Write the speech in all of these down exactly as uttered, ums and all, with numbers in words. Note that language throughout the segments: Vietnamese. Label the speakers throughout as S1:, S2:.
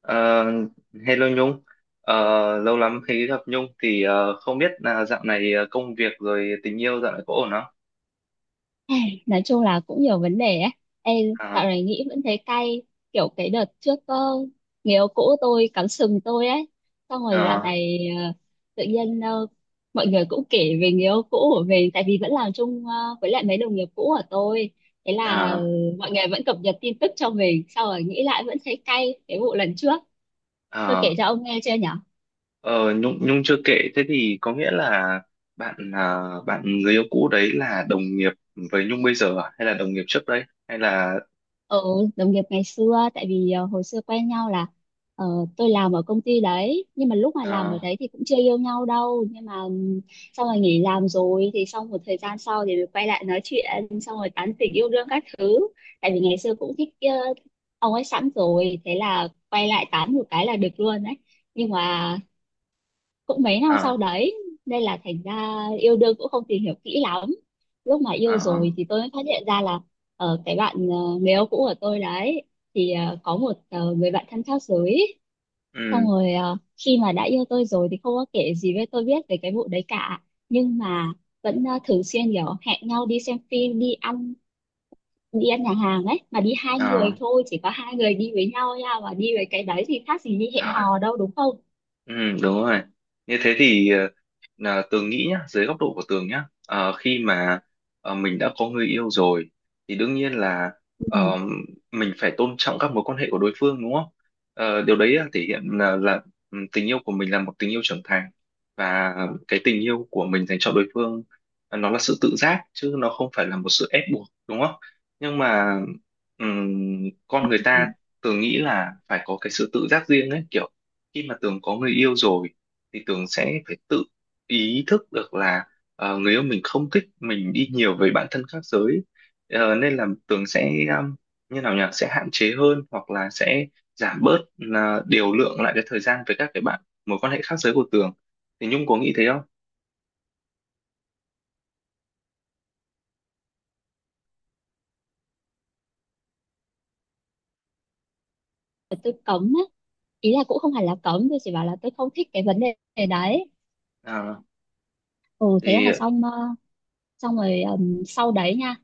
S1: Ờ, Hello Nhung, Ờ, lâu lắm mới gặp Nhung, thì ờ, không biết là dạo này ờ, công việc rồi tình yêu dạo này có ổn không?
S2: Ai, nói chung là cũng nhiều vấn đề ấy. Ê, dạo
S1: À,
S2: này nghĩ vẫn thấy cay, kiểu cái đợt trước ờ, người yêu cũ tôi cắm sừng tôi ấy. Xong rồi dạo
S1: à,
S2: này ờ, tự nhiên ờ, mọi người cũng kể về người yêu cũ của mình, tại vì vẫn làm chung ờ, với lại mấy đồng nghiệp cũ của tôi, thế là ờ,
S1: à,
S2: mọi người vẫn cập nhật tin tức cho mình, sau rồi nghĩ lại vẫn thấy cay cái vụ lần trước. Tôi kể
S1: à.
S2: cho ông nghe chưa nhỉ?
S1: Ờ, Nhung Nhung chưa kể, thế thì có nghĩa là bạn à, bạn người yêu cũ đấy là đồng nghiệp với Nhung bây giờ à? Hay là đồng nghiệp trước đấy hay là
S2: Ừ đồng nghiệp ngày xưa, tại vì ờ, hồi xưa quen nhau là, ờ, tôi làm ở công ty đấy, nhưng mà lúc mà làm ở
S1: à,
S2: đấy thì cũng chưa yêu nhau đâu, nhưng mà ừm, xong rồi nghỉ làm rồi thì xong một thời gian sau thì mới quay lại nói chuyện, xong rồi tán tỉnh yêu đương các thứ, tại vì ngày xưa cũng thích ờ, ông ấy sẵn rồi, thế là quay lại tán một cái là được luôn đấy. Nhưng mà cũng mấy năm sau
S1: à,
S2: đấy nên là thành ra yêu đương cũng không tìm hiểu kỹ lắm. Lúc mà yêu
S1: à,
S2: rồi thì tôi mới phát hiện ra là ở cái bạn ờ, người yêu cũ của tôi đấy thì ờ, có một ờ, người bạn thân khác giới. Xong
S1: ừ,
S2: rồi ờ, khi mà đã yêu tôi rồi thì không có kể gì với tôi biết về cái vụ đấy cả, nhưng mà vẫn ờ, thường xuyên kiểu hẹn nhau đi xem phim, đi ăn, đi ăn nhà hàng ấy, mà đi hai người
S1: à,
S2: thôi, chỉ có hai người đi với nhau nha, mà đi với cái đấy thì khác gì đi hẹn
S1: rồi.
S2: hò đâu, đúng không?
S1: Ừ, đúng rồi. Như thế thì ờ, là Tường nghĩ nhá, dưới góc độ của Tường nhá, ờ, khi mà ờ, mình đã có người yêu rồi thì đương nhiên là
S2: Ừ.
S1: ờ, mình phải tôn trọng các mối quan hệ của đối phương đúng không? Ờ, điều đấy là thể hiện là, là ừ, tình yêu của mình là một tình yêu trưởng thành, và cái tình yêu của mình dành cho đối phương, ờ, nó là sự tự giác chứ nó không phải là một sự ép buộc đúng không? Nhưng mà ừm, con người
S2: Ừ.
S1: ta, Tường nghĩ là phải có cái sự tự giác riêng ấy, kiểu khi mà Tường có người yêu rồi thì Tường sẽ phải tự ý thức được là ờ, người yêu mình không thích mình đi nhiều với bạn thân khác giới. Ờ, nên là Tường sẽ um, như nào nhỉ, sẽ hạn chế hơn hoặc là sẽ giảm bớt, là điều lượng lại cái thời gian với các cái bạn mối quan hệ khác giới của Tường, thì Nhung có nghĩ thế không?
S2: Tôi cấm á, ý là cũng không hẳn là cấm, tôi chỉ bảo là tôi không thích cái vấn đề đấy.
S1: Ờ,
S2: Ừ thế là
S1: thì
S2: xong, ờ, xong rồi ừm, sau đấy nha,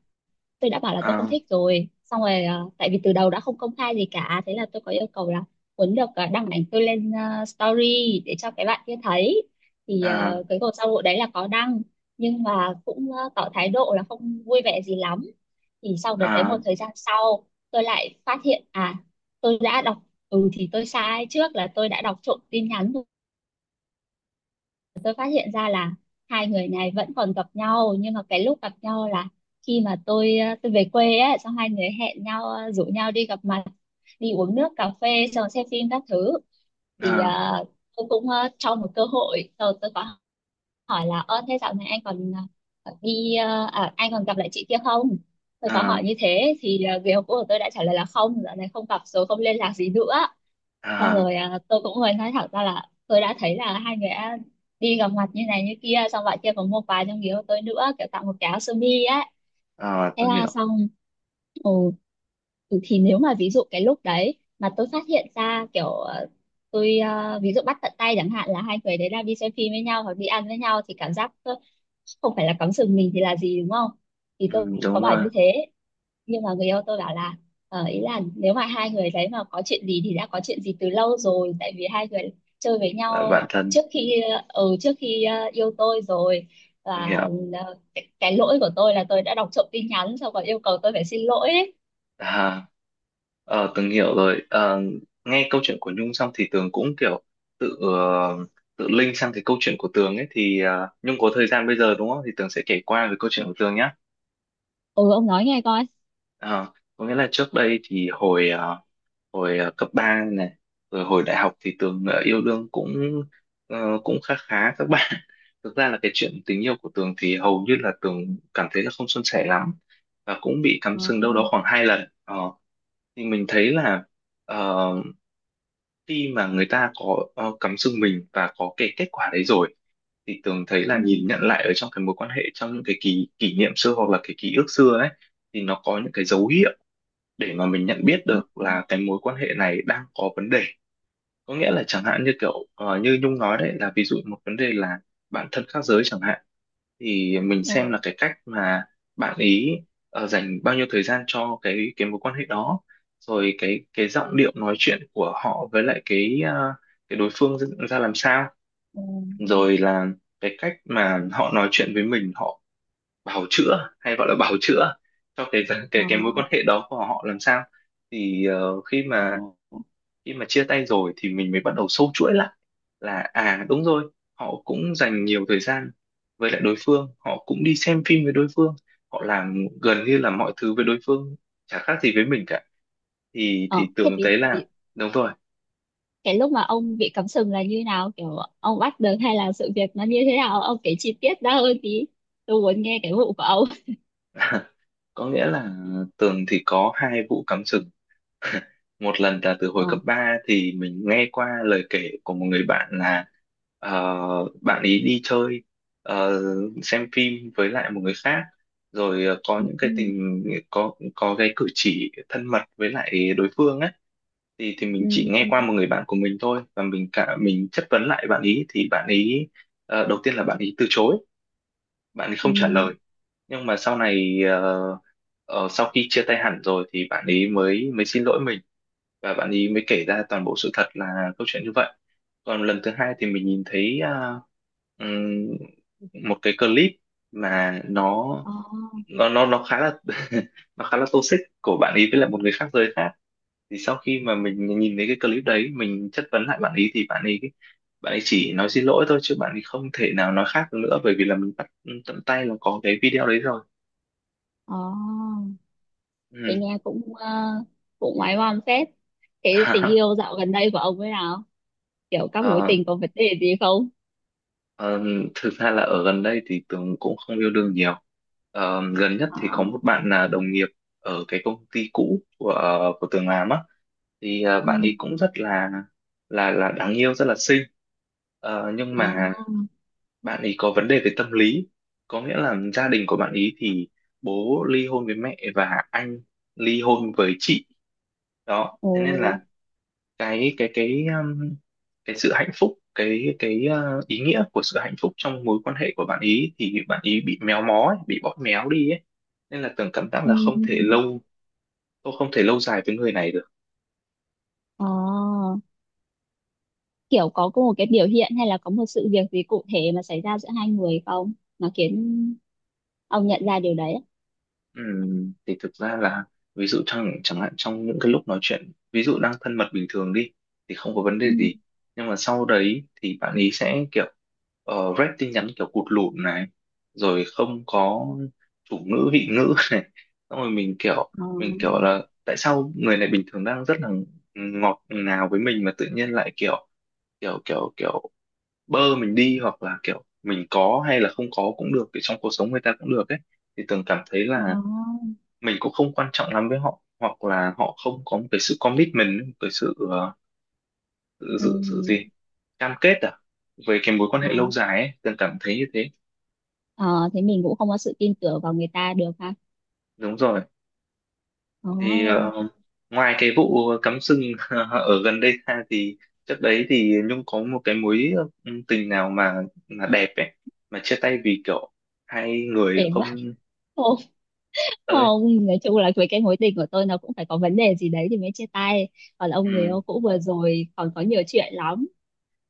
S2: tôi đã bảo là tôi không
S1: à,
S2: thích rồi, xong rồi ờ, tại vì từ đầu đã không công khai gì cả, thế là tôi có yêu cầu là muốn được ờ, đăng ảnh tôi lên ờ, story để cho cái bạn kia thấy. Thì
S1: à,
S2: ờ, cái cuộc sau vụ đấy là có đăng, nhưng mà cũng ờ, tỏ thái độ là không vui vẻ gì lắm. Thì sau đợt đấy
S1: à,
S2: một thời gian sau, tôi lại phát hiện à, tôi đã đọc, ừ thì tôi sai trước là tôi đã đọc trộm tin nhắn. Tôi phát hiện ra là hai người này vẫn còn gặp nhau, nhưng mà cái lúc gặp nhau là khi mà tôi ờ, tôi về quê ấy, xong hai người hẹn nhau ờ, rủ nhau đi gặp mặt, đi uống nước cà phê, xong xem phim các thứ. Thì
S1: à,
S2: ờ, tôi cũng ờ, cho một cơ hội, rồi tôi có hỏi là, ơ thế dạo này anh còn ờ, ờ, đi ờ, à, anh còn gặp lại chị kia không? Tôi có
S1: à,
S2: hỏi như thế thì ờ, người yêu cũ của tôi đã trả lời là không, dạo này không gặp rồi, không liên lạc gì nữa. Xong
S1: à,
S2: rồi à, tôi cũng hơi nói thẳng ra là tôi đã thấy là hai người đã đi gặp mặt như này như kia, xong bạn kia còn mua quà trong người yêu tôi nữa, kiểu tặng một cái áo sơ mi ấy,
S1: à,
S2: thế
S1: Tường
S2: là
S1: hiểu.
S2: xong. Ồ, ừ, thì nếu mà ví dụ cái lúc đấy mà tôi phát hiện ra kiểu ờ, tôi ờ, ví dụ bắt tận tay chẳng hạn là hai người đấy đang đi xem phim với nhau hoặc đi ăn với nhau, thì cảm giác ờ, không phải là cắm sừng mình thì là gì, đúng không? Thì
S1: Ừ,
S2: tôi có
S1: đúng
S2: bảo
S1: rồi.
S2: như thế, nhưng mà người yêu tôi bảo là ờ, ý là nếu mà hai người đấy mà có chuyện gì thì đã có chuyện gì từ lâu rồi, tại vì hai người chơi với
S1: Là
S2: nhau
S1: bạn thân.
S2: trước khi ờ, ừ, trước khi ờ, yêu tôi rồi.
S1: Tường
S2: Và
S1: hiểu.
S2: ờ, cái, cái lỗi của tôi là tôi đã đọc trộm tin nhắn, xong còn yêu cầu tôi phải xin lỗi ấy.
S1: À, Ờ, Tường hiểu rồi. Ờ, nghe câu chuyện của Nhung xong thì Tường cũng kiểu tự ờ, tự link sang cái câu chuyện của Tường ấy, thì ờ, Nhung có thời gian bây giờ đúng không? Thì Tường sẽ kể qua về câu chuyện của Tường nhé.
S2: Ừ ông nói nghe coi.
S1: Ờ, có nghĩa là trước đây thì hồi ờ, hồi ờ, cấp ba này, rồi hồi đại học thì Tường ờ, yêu đương cũng ờ, cũng khá khá các bạn. Thực ra là cái chuyện tình yêu của Tường thì hầu như là Tường cảm thấy là không suôn sẻ lắm, và cũng bị cắm
S2: Ờ.
S1: sừng đâu đó khoảng hai lần. Ờ, thì mình thấy là ờ, khi mà người ta có ờ, cắm sừng mình và có cái kết quả đấy rồi thì Tường thấy là
S2: Ừ.
S1: nhìn nhận lại ở trong cái mối quan hệ, trong những cái kỷ kỷ niệm xưa hoặc là cái ký ức xưa ấy, thì nó có những cái dấu hiệu để mà mình nhận biết
S2: Ừ.
S1: được là cái mối quan hệ này đang có vấn đề. Có nghĩa là chẳng hạn như kiểu ờ, như Nhung nói đấy, là ví dụ một vấn đề là bạn thân khác giới chẳng hạn, thì mình
S2: Ừ.
S1: xem là cái cách mà bạn ý ờ, dành bao nhiêu thời gian cho cái cái mối quan hệ đó, rồi cái cái giọng điệu nói chuyện của họ với lại cái ờ, cái đối phương ra ra làm sao,
S2: Ừ.
S1: rồi là cái cách mà họ nói chuyện với mình, họ bào chữa, hay gọi là bào chữa cho cái
S2: Ờ.
S1: cái cái mối quan hệ đó của họ làm sao. Thì ờ, khi
S2: Ờ.
S1: mà khi mà chia tay rồi thì mình mới bắt đầu sâu chuỗi lại, là à đúng rồi, họ cũng dành nhiều thời gian với lại đối phương, họ cũng đi xem phim với đối phương, họ làm gần như là mọi thứ với đối phương, chả khác gì với mình cả, thì
S2: Ờ.
S1: thì
S2: Thế
S1: Tường
S2: vì,
S1: thấy là
S2: vì
S1: đúng rồi.
S2: cái lúc mà ông bị cắm sừng là như nào, kiểu ông bắt được hay là sự việc nó như thế nào, ông kể chi tiết ra hơn tí, tôi muốn nghe cái vụ của ông.
S1: Có nghĩa là Tường thì có hai vụ cắm sừng. Một lần là từ hồi cấp
S2: Ờ.
S1: ba, thì mình nghe qua lời kể của một người bạn là ờ, bạn ấy đi chơi, ờ, xem phim với lại một người khác, rồi ờ, có
S2: Ừ.
S1: những
S2: Ừ.
S1: cái tình có có cái cử chỉ thân mật với lại đối phương ấy, thì thì mình
S2: Ừ.
S1: chỉ nghe qua một người bạn của mình thôi, và mình cả mình chất vấn lại bạn ý thì bạn ý ờ, đầu tiên là bạn ý từ chối, bạn ý
S2: Ừ.
S1: không trả lời. Nhưng mà sau này, ờ, ờ, sau khi chia tay hẳn rồi thì bạn ấy mới mới xin lỗi mình, và bạn ấy mới kể ra toàn bộ sự thật, là câu chuyện như vậy. Còn lần thứ hai thì mình nhìn thấy ờ, ừm, một cái clip, mà nó
S2: Ờ.
S1: nó nó nó khá là nó khá là toxic của bạn ấy với lại một người khác giới khác. Thì sau khi mà mình nhìn thấy cái clip đấy, mình chất vấn lại bạn ấy thì bạn ấy bạn ấy chỉ nói xin lỗi thôi, chứ bạn ấy không thể nào nói khác được nữa, bởi vì là mình bắt tận tay là có cái video đấy rồi.
S2: Ờ. Thì
S1: Ừ.
S2: nghe cũng ờ, cũng ngoái ngoăm phết. Cái tình yêu dạo gần đây của ông thế nào, kiểu các mối
S1: Ờ,
S2: tình có vấn đề gì không?
S1: ờ, thực ra là ở gần đây thì Tường cũng không yêu đương nhiều. Ờ, gần nhất
S2: Ờ.
S1: thì có một bạn là đồng nghiệp ở cái công ty cũ của à, của Tường làm á, thì ờ,
S2: Ừ.
S1: bạn ấy cũng rất là là là đáng yêu, rất là xinh. Ờ, nhưng
S2: Ờ.
S1: mà bạn ấy có vấn đề về tâm lý, có nghĩa là gia đình của bạn ấy thì bố ly hôn với mẹ và anh ly hôn với chị. Đó, thế nên
S2: Ồ.
S1: là cái cái cái à, cái sự hạnh phúc, cái cái ờ, ý nghĩa của sự hạnh phúc trong mối quan hệ của bạn ý thì bạn ý bị méo mó ấy, bị bóp méo đi ấy, nên là Tường cảm giác
S2: Ừ.
S1: là không thể lâu tôi không thể lâu dài với người này được.
S2: Ờ. Kiểu có một cái biểu hiện hay là có một sự việc gì cụ thể mà xảy ra giữa hai người không, nó khiến ông nhận ra điều đấy á?
S1: Ừm, thì thực ra là, ví dụ trong, chẳng hạn trong những cái lúc nói chuyện, ví dụ đang thân mật bình thường đi thì không có vấn
S2: Ừ.
S1: đề gì. Nhưng mà sau đấy thì bạn ý sẽ kiểu uh, rep tin nhắn kiểu cụt lủn này, rồi không có chủ ngữ vị ngữ này, xong rồi mình kiểu
S2: Ờ.
S1: mình kiểu là tại sao người này bình thường đang rất là ngọt ngào với mình mà tự nhiên lại kiểu kiểu kiểu kiểu bơ mình đi, hoặc là kiểu mình có hay là không có cũng được, thì trong cuộc sống người ta cũng được ấy. Thì Tường cảm thấy
S2: Ờ.
S1: là mình cũng không quan trọng lắm với họ, hoặc là họ không có một cái sự commitment, một cái sự ờ,
S2: Ừ.
S1: sự sự gì, cam kết à, về cái mối quan hệ
S2: Ờ.
S1: lâu dài ấy, từng cảm thấy như thế.
S2: Ờ. Thế mình cũng không có sự tin tưởng vào người ta được ha.
S1: Đúng rồi.
S2: Ờ.
S1: Thì ờ, ngoài cái vụ cắm sừng ở gần đây ra, thì trước đấy thì Nhung có một cái mối ừ, tình nào mà mà đẹp ấy, mà chia tay vì kiểu hai người
S2: Thế mà
S1: không,
S2: không,
S1: ơi.
S2: không, nói chung là với cái mối tình của tôi nó cũng phải có vấn đề gì đấy thì mới chia tay. Còn ông, người
S1: Ừ.
S2: yêu cũ vừa rồi còn có nhiều chuyện lắm,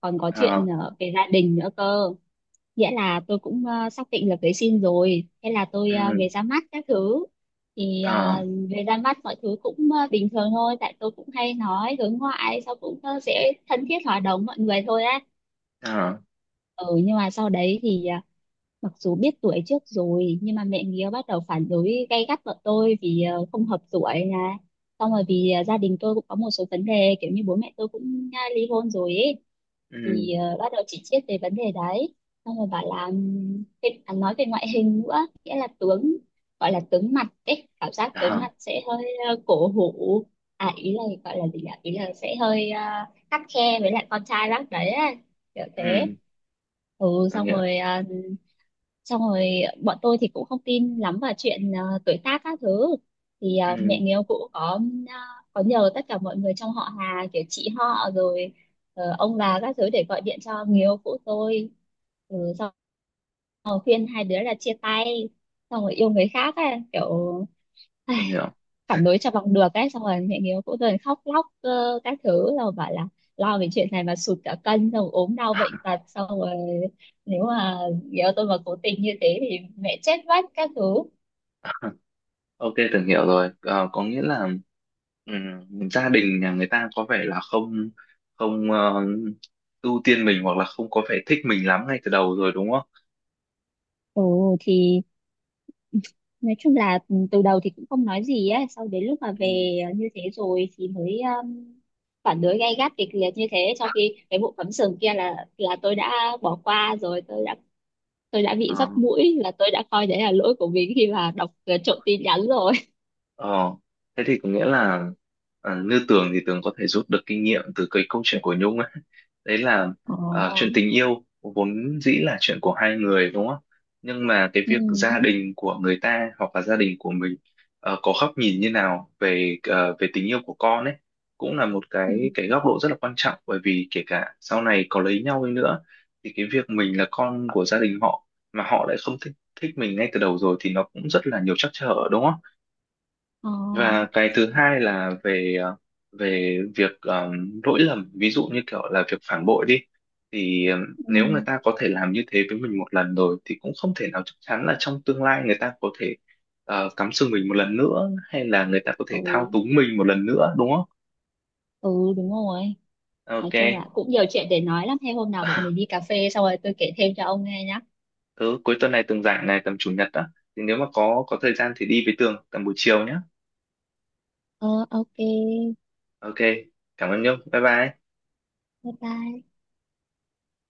S2: còn có chuyện
S1: Ờ.
S2: ờ, về gia đình nữa cơ. Nghĩa là tôi cũng ờ, xác định là cưới xin rồi, thế là tôi ờ,
S1: Ừ.
S2: về ra mắt các thứ. Thì
S1: Ờ.
S2: ờ, về ra mắt mọi thứ cũng ờ, bình thường thôi, tại tôi cũng hay nói hướng ngoại, sau cũng ờ, sẽ thân thiết hòa đồng mọi người thôi á.
S1: Ờ.
S2: Ừ nhưng mà sau đấy thì ờ, mặc dù biết tuổi trước rồi nhưng mà mẹ nghĩa bắt đầu phản đối gay gắt vợ tôi vì ờ, không hợp tuổi nè, xong rồi vì ờ, gia đình tôi cũng có một số vấn đề kiểu như bố mẹ tôi cũng ờ, ly hôn rồi ấy, thì
S1: Ừ.
S2: ờ, bắt đầu chỉ triết về vấn đề đấy. Xong rồi bảo là ừm, thế- à, nói về ngoại hình nữa, nghĩa là tướng, gọi là tướng mặt ấy, cảm giác
S1: Ờ.
S2: tướng mặt sẽ hơi ờ, cổ hủ. À ý là gọi là gì nhỉ, ý là sẽ hơi ờ, khắt khe với lại con trai bác đấy ấy, kiểu thế.
S1: Ừ,
S2: Ừ.
S1: tôi
S2: xong
S1: hiểu.
S2: rồi ờ, xong rồi bọn tôi thì cũng không tin lắm vào chuyện ờ, tuổi tác các thứ, thì ờ,
S1: Ừ,
S2: mẹ người yêu cũ có ờ, có nhờ tất cả mọi người trong họ Hà, kiểu chị họ rồi ờ, ông bà các thứ để gọi điện cho người yêu cũ tôi. Ừ, xong rồi khuyên hai đứa là chia tay, xong rồi yêu người khác ấy, kiểu
S1: tôi hiểu.
S2: phản đối cho bằng được ấy, xong rồi mẹ hiếu cũng dần khóc lóc ờ, các thứ rồi bảo là lo về chuyện này mà sụt cả cân, xong rồi ốm đau bệnh tật, xong rồi nếu mà nếu tôi mà cố tình như thế thì mẹ chết mất các thứ.
S1: Ok, tưởng hiểu rồi. Ờ, có nghĩa là ừm, gia đình nhà người ta có vẻ là không không ờ, ưu tiên mình, hoặc là không có vẻ thích mình lắm ngay từ đầu rồi đúng không?
S2: Ồ thì nói chung là ừ, từ đầu thì cũng không nói gì ấy, sau đến lúc mà về ờ, như thế rồi thì mới um, phản đối gay gắt kịch liệt như thế, trong khi cái vụ cắm sừng kia là là tôi đã bỏ qua rồi, tôi đã tôi đã
S1: Ừ.
S2: bị dắt mũi là tôi đã coi đấy là lỗi của mình khi mà đọc uh, trộm tin nhắn rồi.
S1: Ờ, thế thì có nghĩa là, à, như Tường thì Tường có thể rút được kinh nghiệm từ cái câu chuyện của Nhung ấy. Đấy là,
S2: Ồ.
S1: à, chuyện tình yêu vốn dĩ là chuyện của hai người đúng không? Nhưng mà cái
S2: Ừ.
S1: việc gia đình của người ta hoặc là gia đình của mình ờ, có góc nhìn như nào về ờ, về tình yêu của con ấy, cũng là một
S2: Ừ.
S1: cái cái góc độ rất là quan trọng, bởi vì kể cả sau này có lấy nhau đi nữa thì cái việc mình là con của gia đình họ mà họ lại không thích thích mình ngay từ đầu rồi thì nó cũng rất là nhiều trắc trở đúng không?
S2: Ờ.
S1: Và cái thứ hai là về ờ, về việc ờ, lỗi lầm, ví dụ như kiểu là việc phản bội đi, thì ờ,
S2: Ừ.
S1: nếu người ta có thể làm như thế với mình một lần rồi thì cũng không thể nào chắc chắn là trong tương lai người ta có thể ờ, cắm sừng mình một lần nữa, hay là người ta có thể
S2: Ừ.
S1: thao túng mình một lần nữa đúng không?
S2: Ừ đúng rồi. Nói chung
S1: Ok.
S2: là cũng nhiều chuyện để nói lắm, thế hôm nào bọn mình đi cà phê xong rồi tôi kể thêm cho ông nghe nhá.
S1: Thứ cuối tuần này Tường rảnh này, tầm chủ nhật á, thì nếu mà có có thời gian thì đi với Tường tầm buổi chiều nhé.
S2: Ờ ok.
S1: Ok. Cảm ơn Nhung. Bye bye.
S2: Bye bye.